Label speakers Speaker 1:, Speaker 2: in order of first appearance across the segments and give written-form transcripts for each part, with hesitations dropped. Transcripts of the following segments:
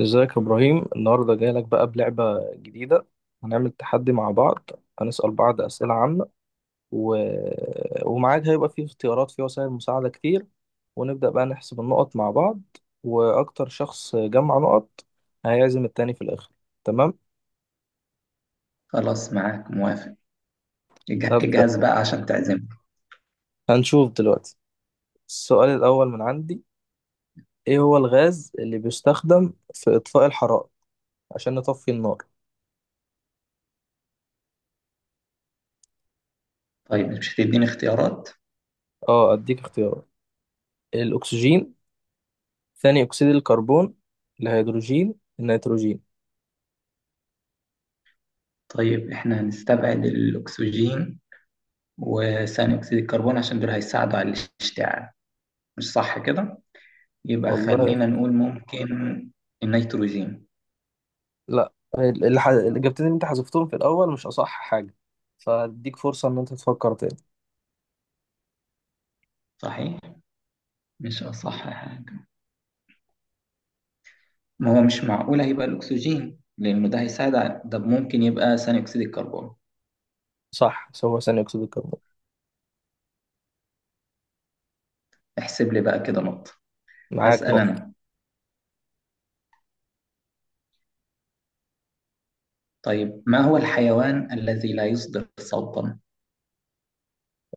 Speaker 1: ازيك يا ابراهيم، النهارده جاي لك بقى بلعبه جديده. هنعمل تحدي مع بعض. هنسال بعض اسئله عامه و... ومعاك هيبقى فيه اختيارات، فيه وسائل مساعده كتير. ونبدا بقى نحسب النقط مع بعض، واكتر شخص جمع نقط هيعزم التاني في الاخر. تمام.
Speaker 2: خلاص، معاك موافق.
Speaker 1: هبدا.
Speaker 2: اجهز بقى عشان تعزمنا.
Speaker 1: هنشوف دلوقتي. السؤال الاول من عندي: ايه هو الغاز اللي بيستخدم في اطفاء الحرائق عشان نطفي النار؟
Speaker 2: طيب، مش هتديني اختيارات؟
Speaker 1: اه، اديك اختيارات: الاكسجين، ثاني أكسيد الكربون، الهيدروجين، النيتروجين.
Speaker 2: طيب احنا هنستبعد الأكسجين وثاني أكسيد الكربون عشان دول هيساعدوا على الاشتعال، مش صح كده؟ يبقى
Speaker 1: والله
Speaker 2: خلينا نقول ممكن النيتروجين.
Speaker 1: لا. الإجابتين اللي أنت حذفتهم في الأول مش أصح حاجة، فأديك فرصة إن أنت تفكر تاني.
Speaker 2: صحيح، مش أصح حاجة. ما هو مش معقول هيبقى الأكسجين لأنه ده هيساعد على ده، ممكن يبقى ثاني أكسيد الكربون.
Speaker 1: صح، هو ثاني أكسيد الكربون.
Speaker 2: احسب لي بقى كده نقطة.
Speaker 1: معاك
Speaker 2: أسأل
Speaker 1: نقطة.
Speaker 2: أنا. طيب، ما هو الحيوان الذي لا يصدر صوتا؟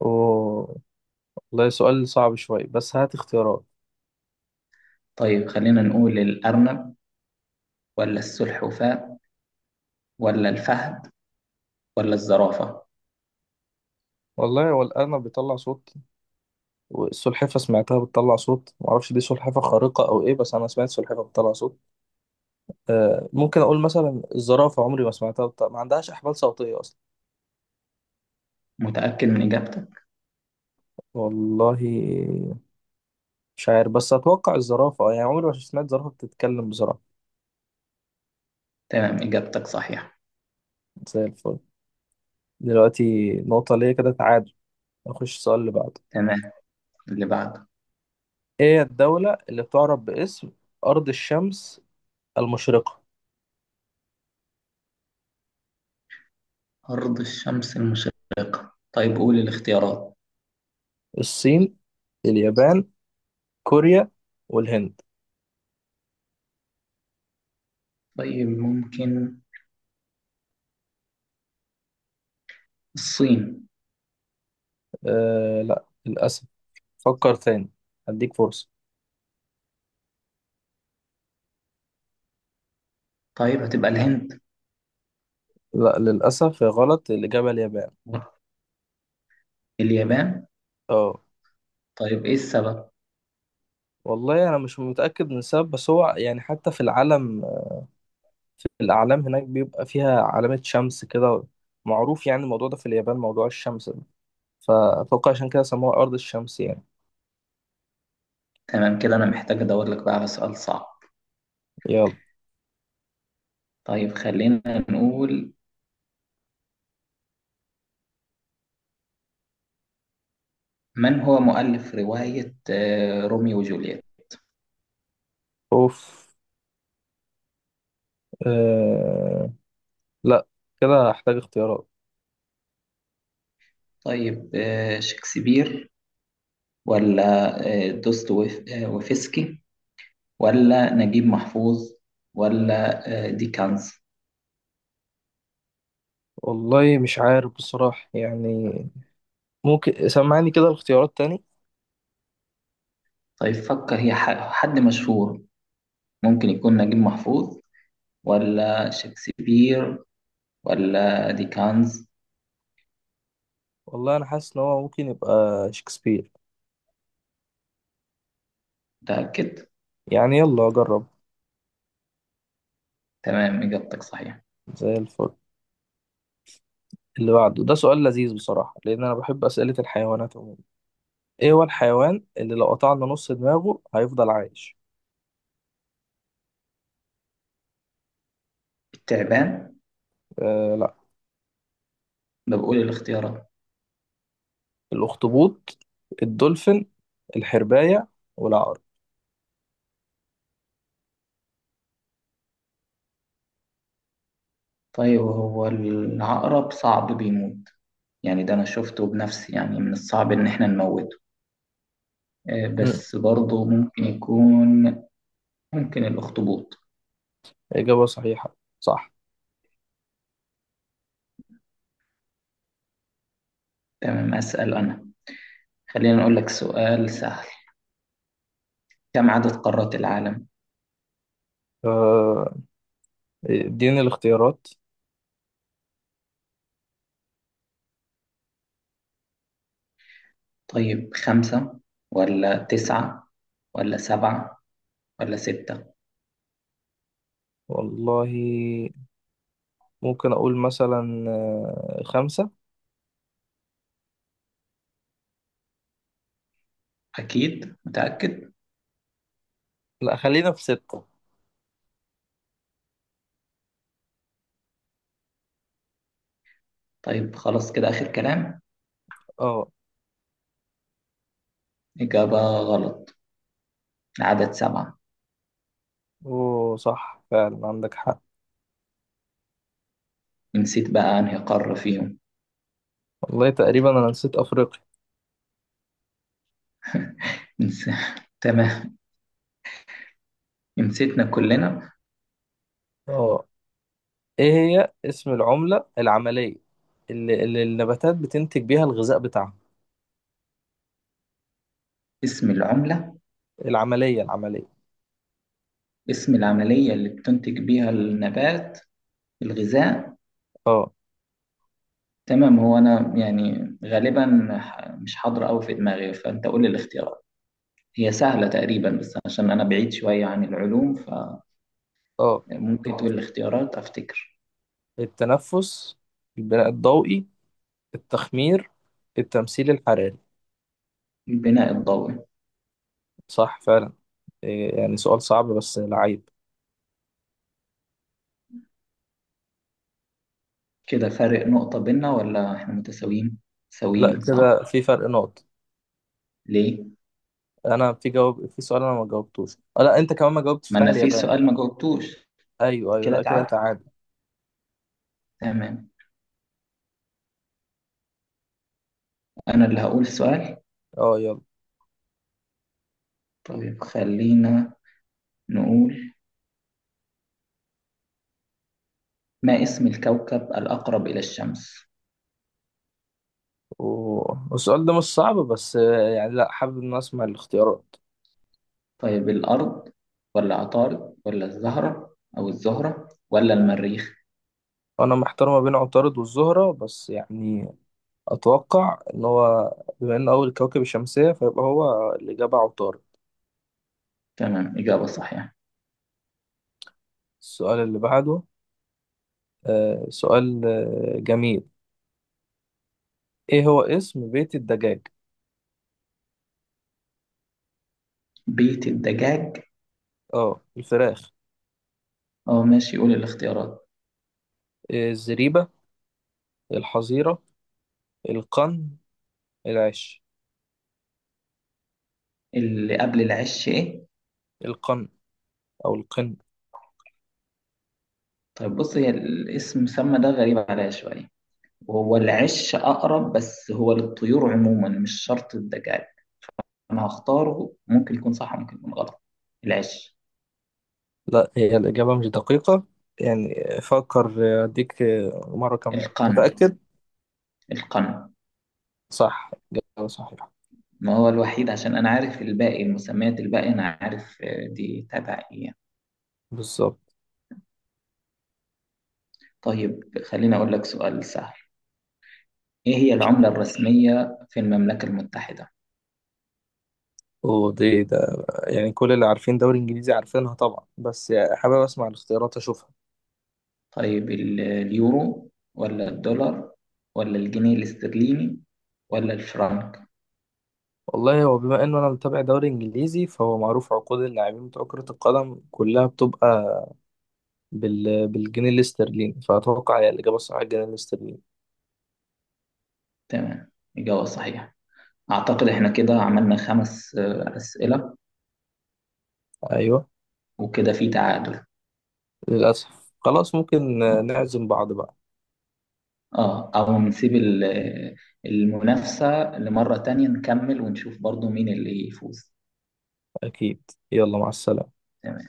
Speaker 1: أوه. والله سؤال صعب شوية، بس هات اختيارات.
Speaker 2: طيب خلينا نقول الأرنب، ولا السلحفاة، ولا الفهد، ولا الزرافة.
Speaker 1: والله، هو الأرنب بيطلع صوت، والسلحفة سمعتها بتطلع صوت، معرفش دي سلحفة خارقة أو إيه، بس أنا سمعت سلحفة بتطلع صوت. آه، ممكن أقول مثلا الزرافة، عمري ما سمعتها بتطلع. ما عندهاش أحبال صوتية أصلا.
Speaker 2: متأكد من إجابتك؟
Speaker 1: والله مش عارف، بس اتوقع الزرافه، اه يعني عمري ما سمعت زرافه بتتكلم بسرعه.
Speaker 2: تمام، إجابتك صحيحة.
Speaker 1: زي الفل. دلوقتي نقطه ليا، كده تعادل. نخش السؤال اللي بعده.
Speaker 2: تمام، اللي بعده.
Speaker 1: ايه الدوله اللي بتعرف باسم ارض الشمس المشرقه؟
Speaker 2: أرض الشمس المشرقة، طيب قول الاختيارات.
Speaker 1: الصين، اليابان، كوريا، والهند.
Speaker 2: طيب ممكن الصين.
Speaker 1: آه لا، للاسف. فكر تاني، هديك فرصه.
Speaker 2: طيب هتبقى الهند.
Speaker 1: لا للاسف، يا غلط. الاجابه اليابان.
Speaker 2: اليابان.
Speaker 1: اه.
Speaker 2: طيب إيه السبب؟
Speaker 1: والله انا مش متاكد من السبب، بس هو يعني حتى في العالم، الأعلام هناك بيبقى فيها علامة شمس كده، معروف يعني الموضوع ده في اليابان، موضوع الشمس ده، فأتوقع عشان كده سموها أرض الشمس يعني.
Speaker 2: تمام كده، أنا محتاج أدور لك بقى على سؤال صعب.
Speaker 1: يلا.
Speaker 2: طيب خلينا نقول، من هو مؤلف رواية روميو وجولييت؟
Speaker 1: أوف. آه... لا، كده هحتاج اختيارات.
Speaker 2: طيب، شكسبير، ولا دوستويفسكي، ولا نجيب محفوظ، ولا ديكنز.
Speaker 1: والله مش عارف بصراحة يعني. ممكن سمعني كده الاختيارات تاني.
Speaker 2: طيب فكر، هي حد مشهور، ممكن يكون نجيب محفوظ، ولا شكسبير، ولا ديكنز.
Speaker 1: والله أنا حاسس إن هو ممكن يبقى شكسبير.
Speaker 2: متأكد؟
Speaker 1: يعني يلا أجرب.
Speaker 2: تمام، إجابتك صحيحة.
Speaker 1: زي الفل. اللي بعده ده سؤال لذيذ بصراحة، لأن أنا بحب أسئلة الحيوانات عموما. إيه هو الحيوان اللي لو قطعنا نص دماغه هيفضل عايش؟
Speaker 2: التعبان.
Speaker 1: لا،
Speaker 2: ده بقول الاختيارات.
Speaker 1: الأخطبوط، الدولفين، الحرباية، والعقرب.
Speaker 2: طيب هو العقرب صعب بيموت، يعني ده أنا شفته بنفسي، يعني من الصعب إن إحنا نموته.
Speaker 1: مم.
Speaker 2: بس برضه ممكن يكون. ممكن الأخطبوط.
Speaker 1: إجابة صحيحة، صح.
Speaker 2: تمام، أسأل أنا. خلينا نقول لك سؤال سهل. كم عدد قارات العالم؟
Speaker 1: آه، اديني الاختيارات.
Speaker 2: طيب 5، ولا 9، ولا 7، ولا 6.
Speaker 1: والله ممكن أقول مثلا خمسة.
Speaker 2: أكيد متأكد؟
Speaker 1: لا، خلينا في ستة.
Speaker 2: طيب خلاص كده آخر كلام.
Speaker 1: اه.
Speaker 2: إجابة غلط، العدد 7.
Speaker 1: اوه صح، فعلا عندك حق.
Speaker 2: نسيت بقى أنهي قارة فيهم.
Speaker 1: والله تقريبا أنا نسيت أفريقيا.
Speaker 2: نس... تمام، نسيتنا كلنا.
Speaker 1: اه. ايه هي اسم العملة العملية اللي النباتات بتنتج بيها الغذاء بتاعها.
Speaker 2: اسم العملة.
Speaker 1: العملية العملية.
Speaker 2: اسم العملية اللي بتنتج بيها النبات الغذاء.
Speaker 1: اه.
Speaker 2: تمام، هو أنا يعني غالبا مش حاضرة أوي في دماغي، فأنت قول لي الاختيار. هي سهلة تقريبا، بس عشان أنا بعيد شوية عن العلوم،
Speaker 1: اه.
Speaker 2: فممكن تقول
Speaker 1: الت-
Speaker 2: الاختيارات أفتكر.
Speaker 1: التنفس، البناء الضوئي، التخمير، التمثيل الحراري.
Speaker 2: البناء الضوئي.
Speaker 1: صح فعلا. يعني سؤال صعب بس لعيب.
Speaker 2: كده فارق نقطة بينا ولا إحنا متساويين؟
Speaker 1: لا،
Speaker 2: ساويين صح؟
Speaker 1: كده في فرق نقط.
Speaker 2: ليه؟
Speaker 1: انا في جواب، في سؤال انا ما جاوبتوش. لا، انت كمان ما جاوبتش
Speaker 2: ما
Speaker 1: بتاع
Speaker 2: أنا في
Speaker 1: اليابان.
Speaker 2: سؤال ما جاوبتوش.
Speaker 1: ايوه ايوه،
Speaker 2: كده
Speaker 1: لا كده
Speaker 2: تعادل.
Speaker 1: تعادل.
Speaker 2: تمام، أنا اللي هقول السؤال.
Speaker 1: اه يلا.
Speaker 2: طيب خلينا نقول، ما اسم الكوكب الأقرب إلى الشمس؟
Speaker 1: والسؤال ده مش صعب، بس يعني لا، حابب ان أنا اسمع الاختيارات.
Speaker 2: طيب الأرض، ولا عطارد، ولا الزهرة، أو الزهرة ولا المريخ؟
Speaker 1: انا محتار ما بين عطارد والزهرة، بس يعني اتوقع ان هو، بما انه اول كوكب الشمسية، فيبقى هو الاجابة عطارد.
Speaker 2: تمام، إجابة صحيحة.
Speaker 1: السؤال اللي بعده. سؤال جميل. ايه هو اسم بيت الدجاج؟
Speaker 2: بيت الدجاج.
Speaker 1: اه الفراخ.
Speaker 2: اه ماشي، قول الاختيارات.
Speaker 1: إيه، الزريبة، الحظيرة، القن، العش.
Speaker 2: اللي قبل العش ايه؟
Speaker 1: القن، او القن.
Speaker 2: طيب بص، هي الاسم سمى ده غريب عليا شويه، وهو العش اقرب بس هو للطيور عموما مش شرط الدجاج. انا هختاره، ممكن يكون صح ممكن يكون غلط. العش.
Speaker 1: لا، هي الإجابة مش دقيقة يعني. فكر، اديك مرة كمان.
Speaker 2: القنا.
Speaker 1: متأكد؟
Speaker 2: القنا.
Speaker 1: صح، إجابة صحيحة.
Speaker 2: ما هو الوحيد عشان انا عارف الباقي، المسميات الباقي انا عارف دي تبع ايه يعني.
Speaker 1: بالظبط.
Speaker 2: طيب خليني اقول لك سؤال سهل. ايه هي العمله الرسميه في المملكه المتحده؟
Speaker 1: ودي ده يعني كل اللي عارفين دوري انجليزي عارفينها طبعا، بس يعني حابب اسمع الاختيارات اشوفها.
Speaker 2: طيب اليورو، ولا الدولار، ولا الجنيه الاسترليني، ولا الفرنك.
Speaker 1: والله، هو بما انه انا متابع دوري انجليزي، فهو معروف عقود اللاعبين بتوع كرة القدم كلها بتبقى بالجنيه الاسترليني، فأتوقع هي الإجابة الصحيحة الجنيه الاسترليني.
Speaker 2: تمام، إجابة صحيحة. أعتقد إحنا كده عملنا خمس أسئلة.
Speaker 1: أيوه.
Speaker 2: وكده في تعادل.
Speaker 1: للأسف، خلاص ممكن
Speaker 2: آه.
Speaker 1: نعزم بعض بقى.
Speaker 2: أو نسيب المنافسة لمرة تانية، نكمل ونشوف برضو مين اللي يفوز.
Speaker 1: أكيد. يلا مع السلامة.
Speaker 2: تمام.